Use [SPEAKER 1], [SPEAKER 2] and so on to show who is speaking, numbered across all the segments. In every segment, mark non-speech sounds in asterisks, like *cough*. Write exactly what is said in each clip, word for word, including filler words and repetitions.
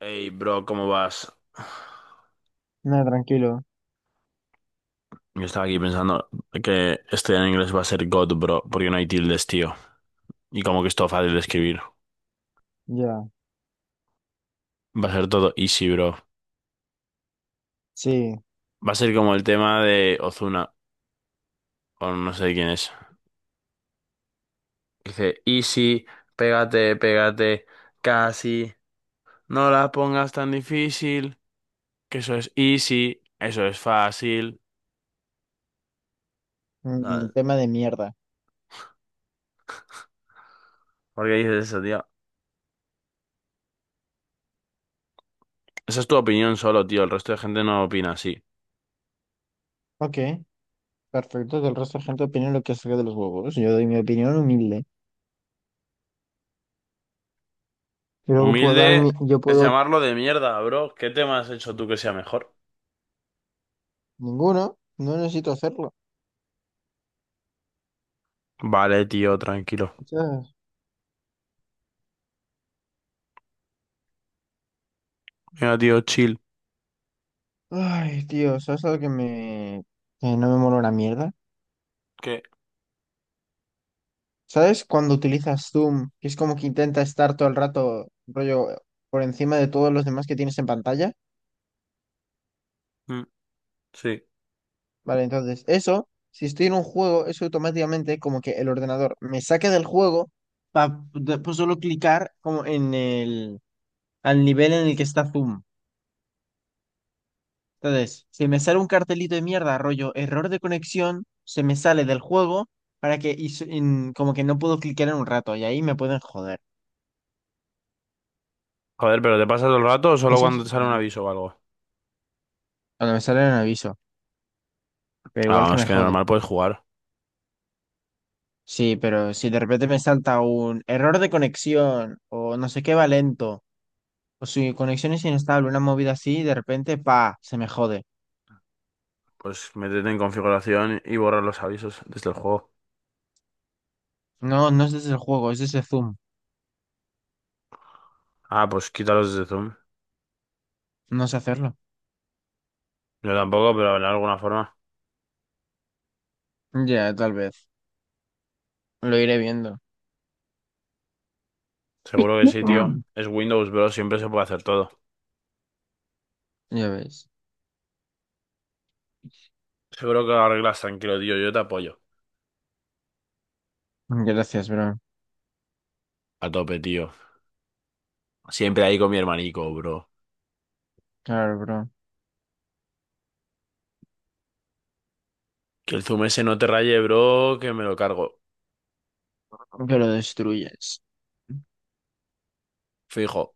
[SPEAKER 1] Hey, bro, ¿cómo vas?
[SPEAKER 2] No, tranquilo.
[SPEAKER 1] Yo estaba aquí pensando que estudiar inglés va a ser God, bro, porque no hay tildes, tío. Y como que es todo fácil de escribir.
[SPEAKER 2] Ya.
[SPEAKER 1] Va a ser todo easy, bro.
[SPEAKER 2] Sí.
[SPEAKER 1] Va a ser como el tema de Ozuna, o no sé quién es. Dice, easy, pégate, pégate, casi. No la pongas tan difícil, que eso es easy, eso es fácil. Ah,
[SPEAKER 2] Un tema de mierda.
[SPEAKER 1] ¿por qué dices eso, tío? Esa es tu opinión solo, tío. El resto de gente no opina así.
[SPEAKER 2] Ok. Perfecto. Que el resto de gente opine lo que saque de los huevos. Yo doy mi opinión humilde. Y luego puedo dar
[SPEAKER 1] Humilde
[SPEAKER 2] mi... Yo
[SPEAKER 1] es
[SPEAKER 2] puedo...
[SPEAKER 1] llamarlo de mierda, bro. ¿Qué tema has hecho tú que sea mejor?
[SPEAKER 2] Ninguno. No necesito hacerlo.
[SPEAKER 1] Vale, tío, tranquilo.
[SPEAKER 2] ¿Sabes?
[SPEAKER 1] Mira, tío, chill.
[SPEAKER 2] Ay, tío. ¿Sabes algo que me... que no me mola una mierda?
[SPEAKER 1] ¿Qué?
[SPEAKER 2] ¿Sabes cuando utilizas Zoom? Que es como que intenta estar todo el rato, rollo, por encima de todos los demás que tienes en pantalla.
[SPEAKER 1] Mm, sí.
[SPEAKER 2] Vale, entonces eso, si estoy en un juego, eso automáticamente como que el ordenador me saca del juego para después solo clicar como en el, al nivel en el que está Zoom. Entonces, si me sale un cartelito de mierda, rollo, error de conexión, se me sale del juego para que, y s- en- como que no puedo clicar en un rato y ahí me pueden joder.
[SPEAKER 1] Joder, ¿pero te pasa todo el rato o solo
[SPEAKER 2] Eso es
[SPEAKER 1] cuando te sale un aviso
[SPEAKER 2] malísimo.
[SPEAKER 1] o algo?
[SPEAKER 2] Cuando me sale un aviso, pero
[SPEAKER 1] Ah,
[SPEAKER 2] igual que
[SPEAKER 1] vamos,
[SPEAKER 2] me
[SPEAKER 1] que
[SPEAKER 2] jode.
[SPEAKER 1] normal puedes jugar.
[SPEAKER 2] Sí, pero si de repente me salta un error de conexión o no sé qué va lento. Pues si conexión es inestable, una movida así, de repente, pa, se me jode.
[SPEAKER 1] Pues métete en configuración y borrar los avisos desde el juego.
[SPEAKER 2] No, no es desde el juego, es desde Zoom.
[SPEAKER 1] Ah, pues quítalos desde Zoom.
[SPEAKER 2] No sé hacerlo.
[SPEAKER 1] Yo tampoco, pero de alguna forma.
[SPEAKER 2] Ya, tal vez. Lo iré viendo. *clears throat*
[SPEAKER 1] Seguro que sí, tío.
[SPEAKER 2] Mm.
[SPEAKER 1] Es Windows, bro, siempre se puede hacer todo.
[SPEAKER 2] Ya ves.
[SPEAKER 1] Seguro que lo arreglas tranquilo, tío. Yo te apoyo.
[SPEAKER 2] Gracias, bro.
[SPEAKER 1] A tope, tío. Siempre ahí con mi hermanico, bro.
[SPEAKER 2] Claro, bro.
[SPEAKER 1] Que el zoom ese no te raye, bro, que me lo cargo.
[SPEAKER 2] Que lo destruyes.
[SPEAKER 1] Fijo.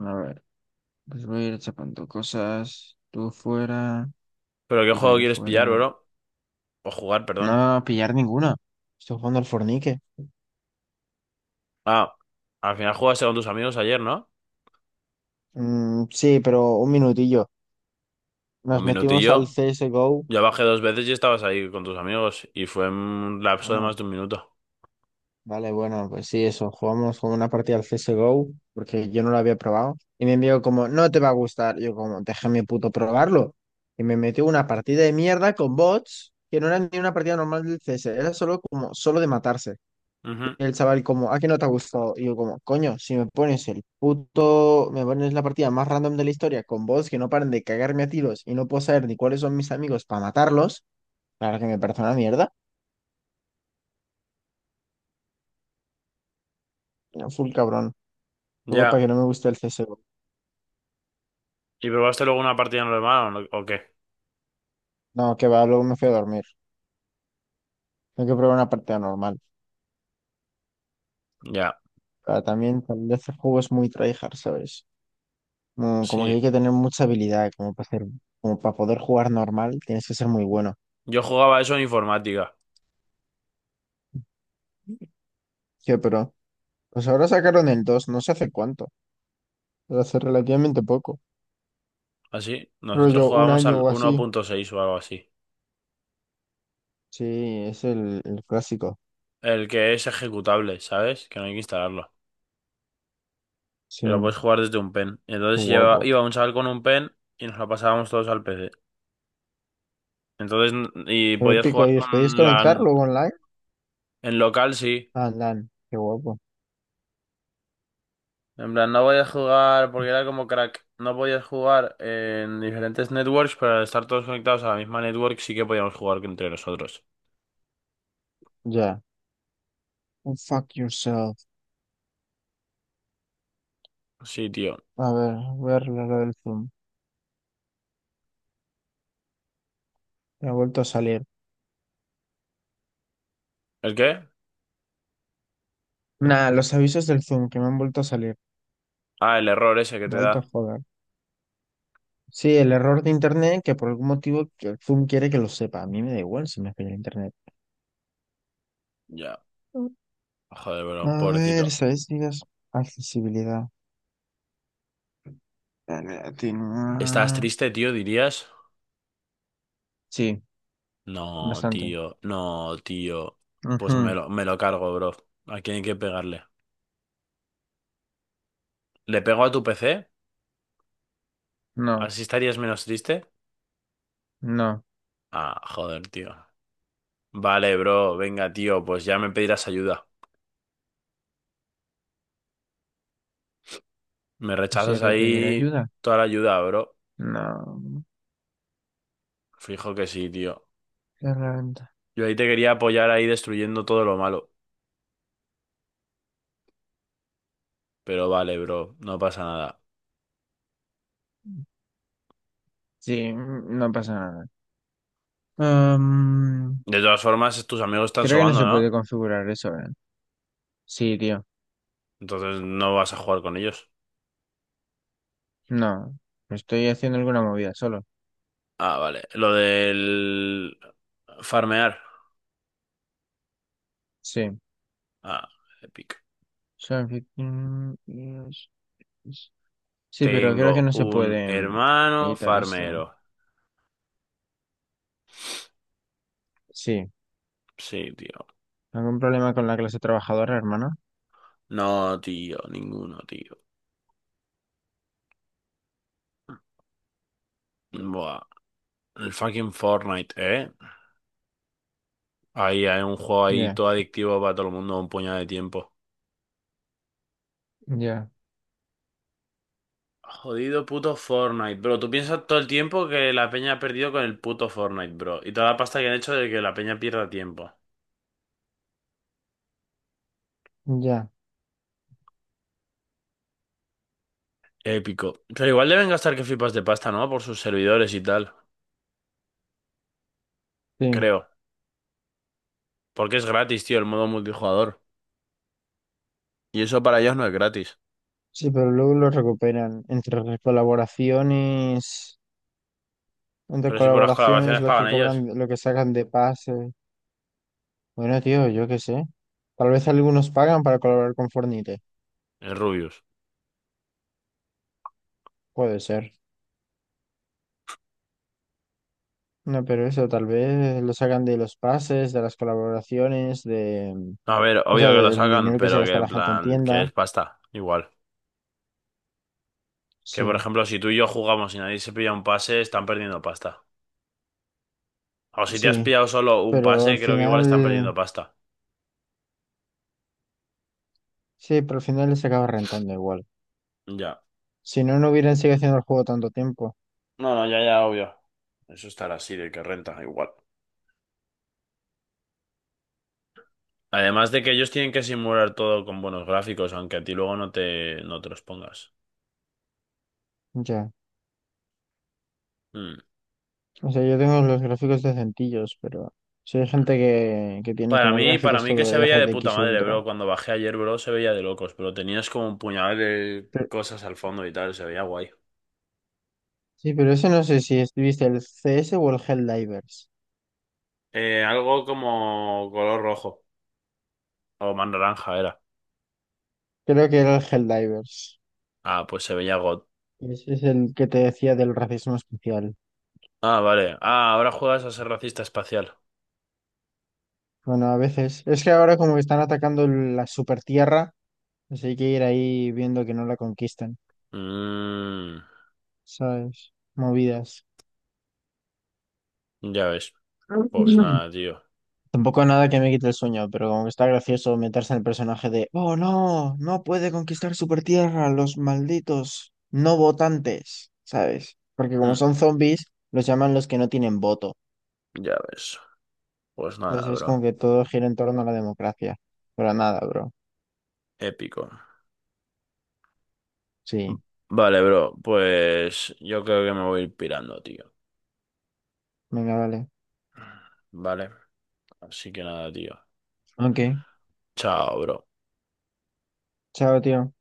[SPEAKER 2] A ver, pues voy a ir chapando cosas. Tú fuera,
[SPEAKER 1] ¿Pero qué
[SPEAKER 2] tú
[SPEAKER 1] juego
[SPEAKER 2] también
[SPEAKER 1] quieres pillar,
[SPEAKER 2] fuera.
[SPEAKER 1] bro? O jugar, perdón.
[SPEAKER 2] No, pillar ninguna. Estoy jugando al Fornique.
[SPEAKER 1] Ah, al final jugaste con tus amigos ayer, ¿no?
[SPEAKER 2] Mm, sí, pero un minutillo.
[SPEAKER 1] Un
[SPEAKER 2] Nos metimos al
[SPEAKER 1] minutillo.
[SPEAKER 2] C S G O.
[SPEAKER 1] Yo bajé dos veces y estabas ahí con tus amigos. Y fue un lapso de
[SPEAKER 2] Bueno.
[SPEAKER 1] más de un minuto.
[SPEAKER 2] Vale, bueno, pues sí, eso, jugamos como una partida al C S G O, porque yo no lo había probado, y me envió como, no te va a gustar, yo como, déjame puto probarlo, y me metió una partida de mierda con bots, que no era ni una partida normal del C S, era solo como, solo de matarse,
[SPEAKER 1] Ujú.
[SPEAKER 2] y el chaval como, ¿a qué no te ha gustado? Y yo como, coño, si me pones el puto, me pones la partida más random de la historia, con bots que no paran de cagarme a tiros, y no puedo saber ni cuáles son mis amigos para matarlos, claro que me parece una mierda, era full cabrón, luego para que
[SPEAKER 1] Ya.
[SPEAKER 2] no me guste el C S G O.
[SPEAKER 1] ¿Y probaste luego una partida normal o, no- o qué?
[SPEAKER 2] No, que va, luego me fui a dormir. Tengo que probar una partida normal.
[SPEAKER 1] Ya.
[SPEAKER 2] Pero también, tal vez el juego es muy tryhard, ¿sabes? Mm, Como que hay
[SPEAKER 1] Sí.
[SPEAKER 2] que tener mucha habilidad, como para hacer, como para poder jugar normal, tienes que ser muy bueno.
[SPEAKER 1] Yo jugaba eso en informática.
[SPEAKER 2] Sí, pero pues ahora sacaron el dos no sé hace cuánto, pero hace relativamente poco,
[SPEAKER 1] Así. Nosotros
[SPEAKER 2] rollo un
[SPEAKER 1] jugábamos
[SPEAKER 2] año
[SPEAKER 1] al
[SPEAKER 2] o
[SPEAKER 1] uno
[SPEAKER 2] así.
[SPEAKER 1] punto seis o algo así.
[SPEAKER 2] Sí, es el, el clásico.
[SPEAKER 1] El que es ejecutable, ¿sabes? Que no hay que instalarlo,
[SPEAKER 2] Sí,
[SPEAKER 1] que lo
[SPEAKER 2] qué
[SPEAKER 1] puedes jugar desde un pen. Entonces lleva,
[SPEAKER 2] guapo.
[SPEAKER 1] iba un chaval con un pen y nos lo pasábamos todos al P C. Entonces, n- y
[SPEAKER 2] Fue
[SPEAKER 1] podías
[SPEAKER 2] épico.
[SPEAKER 1] jugar
[SPEAKER 2] ¿Y os podéis
[SPEAKER 1] con
[SPEAKER 2] conectar
[SPEAKER 1] la...
[SPEAKER 2] luego online?
[SPEAKER 1] En local sí.
[SPEAKER 2] Ah, LAN, qué guapo.
[SPEAKER 1] En plan, no podías jugar porque era como crack. No podías jugar en diferentes networks, pero al estar todos conectados a la misma network sí que podíamos jugar entre nosotros.
[SPEAKER 2] Ya. Oh, fuck yourself.
[SPEAKER 1] Sí, tío.
[SPEAKER 2] A ver, voy a arreglar lo del Zoom. Me ha vuelto a salir.
[SPEAKER 1] ¿El qué?
[SPEAKER 2] Nah, los avisos del Zoom que me han vuelto a salir.
[SPEAKER 1] Ah, el error ese que
[SPEAKER 2] Me han
[SPEAKER 1] te
[SPEAKER 2] vuelto a
[SPEAKER 1] da.
[SPEAKER 2] joder. Sí, el error de internet que por algún motivo que el Zoom quiere que lo sepa. A mí me da igual si me falla el internet.
[SPEAKER 1] Ya. Joder, bro,
[SPEAKER 2] A ver,
[SPEAKER 1] pobrecito.
[SPEAKER 2] estadísticas. Accesibilidad. Dale,
[SPEAKER 1] ¿Estás
[SPEAKER 2] atenuar.
[SPEAKER 1] triste, tío, dirías?
[SPEAKER 2] Sí,
[SPEAKER 1] No,
[SPEAKER 2] bastante.
[SPEAKER 1] tío. No, tío. Pues me
[SPEAKER 2] Ujú,
[SPEAKER 1] lo, me lo cargo, bro. ¿A quién hay que pegarle? ¿Le pego a tu P C?
[SPEAKER 2] no,
[SPEAKER 1] ¿Así estarías menos triste?
[SPEAKER 2] no.
[SPEAKER 1] Ah, joder, tío. Vale, bro, venga, tío, pues ya me pedirás ayuda. Me
[SPEAKER 2] Pues ya
[SPEAKER 1] rechazas
[SPEAKER 2] te pediré
[SPEAKER 1] ahí
[SPEAKER 2] ayuda.
[SPEAKER 1] toda la ayuda, bro.
[SPEAKER 2] No.
[SPEAKER 1] Fijo que sí, tío.
[SPEAKER 2] Herramienta.
[SPEAKER 1] Yo ahí te quería apoyar ahí destruyendo todo lo malo. Pero vale, bro, no pasa nada.
[SPEAKER 2] Sí, no pasa nada. Am,
[SPEAKER 1] De todas formas, tus amigos están
[SPEAKER 2] Creo que no
[SPEAKER 1] sobando,
[SPEAKER 2] se puede
[SPEAKER 1] ¿no?
[SPEAKER 2] configurar eso, ¿eh? Sí, tío.
[SPEAKER 1] Entonces no vas a jugar con ellos.
[SPEAKER 2] No. Estoy haciendo alguna movida solo.
[SPEAKER 1] Ah, vale. Lo del... Farmear.
[SPEAKER 2] Sí.
[SPEAKER 1] Ah, épico.
[SPEAKER 2] Solo que- mm, Sí, pero creo que
[SPEAKER 1] Tengo
[SPEAKER 2] no se
[SPEAKER 1] un
[SPEAKER 2] puede mm,
[SPEAKER 1] hermano
[SPEAKER 2] editar esto.
[SPEAKER 1] farmero.
[SPEAKER 2] Sí.
[SPEAKER 1] Sí, tío.
[SPEAKER 2] ¿Algún problema con la clase trabajadora, hermano?
[SPEAKER 1] No, tío, ninguno, tío. Buah, el fucking Fortnite, ¿eh? Ahí hay un juego ahí
[SPEAKER 2] Ya,
[SPEAKER 1] todo adictivo para todo el mundo, un puñado de tiempo.
[SPEAKER 2] ya,
[SPEAKER 1] Jodido puto Fortnite, bro. Tú piensas todo el tiempo que la peña ha perdido con el puto Fortnite, bro. Y toda la pasta que han hecho de que la peña pierda tiempo.
[SPEAKER 2] ya.
[SPEAKER 1] Épico. Pero igual deben gastar que flipas de pasta, ¿no? Por sus servidores y tal.
[SPEAKER 2] Sí.
[SPEAKER 1] Creo. Porque es gratis, tío, el modo multijugador. Y eso para ellos no es gratis.
[SPEAKER 2] Sí, pero luego lo recuperan. Entre las colaboraciones, entre
[SPEAKER 1] Pero si por las
[SPEAKER 2] colaboraciones,
[SPEAKER 1] colaboraciones
[SPEAKER 2] lo que
[SPEAKER 1] pagan
[SPEAKER 2] cobran,
[SPEAKER 1] ellos.
[SPEAKER 2] lo que sacan de pase. Bueno, tío, yo qué sé. Tal vez algunos pagan para colaborar con Fornite.
[SPEAKER 1] Es Rubius.
[SPEAKER 2] Puede ser. No, pero eso, tal vez lo sacan de los pases, de las colaboraciones, de...
[SPEAKER 1] No, a ver,
[SPEAKER 2] O
[SPEAKER 1] obvio
[SPEAKER 2] sea,
[SPEAKER 1] que lo
[SPEAKER 2] del
[SPEAKER 1] sacan,
[SPEAKER 2] dinero que se
[SPEAKER 1] pero que
[SPEAKER 2] gasta
[SPEAKER 1] en
[SPEAKER 2] la gente en
[SPEAKER 1] plan, que
[SPEAKER 2] tienda.
[SPEAKER 1] es pasta, igual. Que por
[SPEAKER 2] Sí,
[SPEAKER 1] ejemplo, si tú y yo jugamos y nadie se pilla un pase, están perdiendo pasta. O si te has
[SPEAKER 2] sí.
[SPEAKER 1] pillado solo un
[SPEAKER 2] Pero al
[SPEAKER 1] pase, creo que igual están
[SPEAKER 2] final,
[SPEAKER 1] perdiendo pasta.
[SPEAKER 2] sí, pero al final les acaba rentando igual.
[SPEAKER 1] Ya.
[SPEAKER 2] Si no, no hubieran seguido haciendo el juego tanto tiempo.
[SPEAKER 1] No, no, ya, ya, obvio. Eso estará así, de que renta, igual. Además de que ellos tienen que simular todo con buenos gráficos, aunque a ti luego no te, no te los pongas.
[SPEAKER 2] Ya.
[SPEAKER 1] Mm.
[SPEAKER 2] O sea, yo tengo los gráficos decentillos, pero sí hay gente que, que tiene
[SPEAKER 1] Para
[SPEAKER 2] como
[SPEAKER 1] mí, para
[SPEAKER 2] gráficos
[SPEAKER 1] mí que
[SPEAKER 2] todo
[SPEAKER 1] se veía
[SPEAKER 2] R
[SPEAKER 1] de
[SPEAKER 2] T
[SPEAKER 1] puta
[SPEAKER 2] X
[SPEAKER 1] madre,
[SPEAKER 2] Ultra.
[SPEAKER 1] bro. Cuando bajé ayer, bro, se veía de locos, pero tenías como un puñal de
[SPEAKER 2] Pero-
[SPEAKER 1] cosas al fondo y tal, se veía guay.
[SPEAKER 2] sí, pero ese no sé si es- viste el C S o el Helldivers.
[SPEAKER 1] Eh, algo como color rojo o más naranja era.
[SPEAKER 2] Creo que era el Helldivers.
[SPEAKER 1] Ah, pues se veía God.
[SPEAKER 2] Ese es el que te decía del racismo especial.
[SPEAKER 1] Ah, vale. Ah, ahora juegas a ser racista espacial.
[SPEAKER 2] Bueno, a veces. Es que ahora como que están atacando la Supertierra. Así hay que ir ahí viendo que no la conquistan,
[SPEAKER 1] Mm,
[SPEAKER 2] ¿sabes? Movidas.
[SPEAKER 1] ya ves. Pues
[SPEAKER 2] Mm.
[SPEAKER 1] nada, tío.
[SPEAKER 2] Tampoco nada que me quite el sueño, pero como que está gracioso meterse en el personaje de, oh no, no puede conquistar Supertierra, los malditos no votantes, ¿sabes? Porque como
[SPEAKER 1] Hmm,
[SPEAKER 2] son zombies, los llaman los que no tienen voto.
[SPEAKER 1] ya ves. Pues nada,
[SPEAKER 2] Entonces es
[SPEAKER 1] bro.
[SPEAKER 2] como que todo gira en torno a la democracia. Pero nada, bro.
[SPEAKER 1] Épico. V-
[SPEAKER 2] Sí,
[SPEAKER 1] Vale, bro. Pues yo creo que me voy a ir pirando, tío.
[SPEAKER 2] venga, vale.
[SPEAKER 1] Vale. Así que nada, tío.
[SPEAKER 2] Ok,
[SPEAKER 1] Chao, bro.
[SPEAKER 2] chao, tío.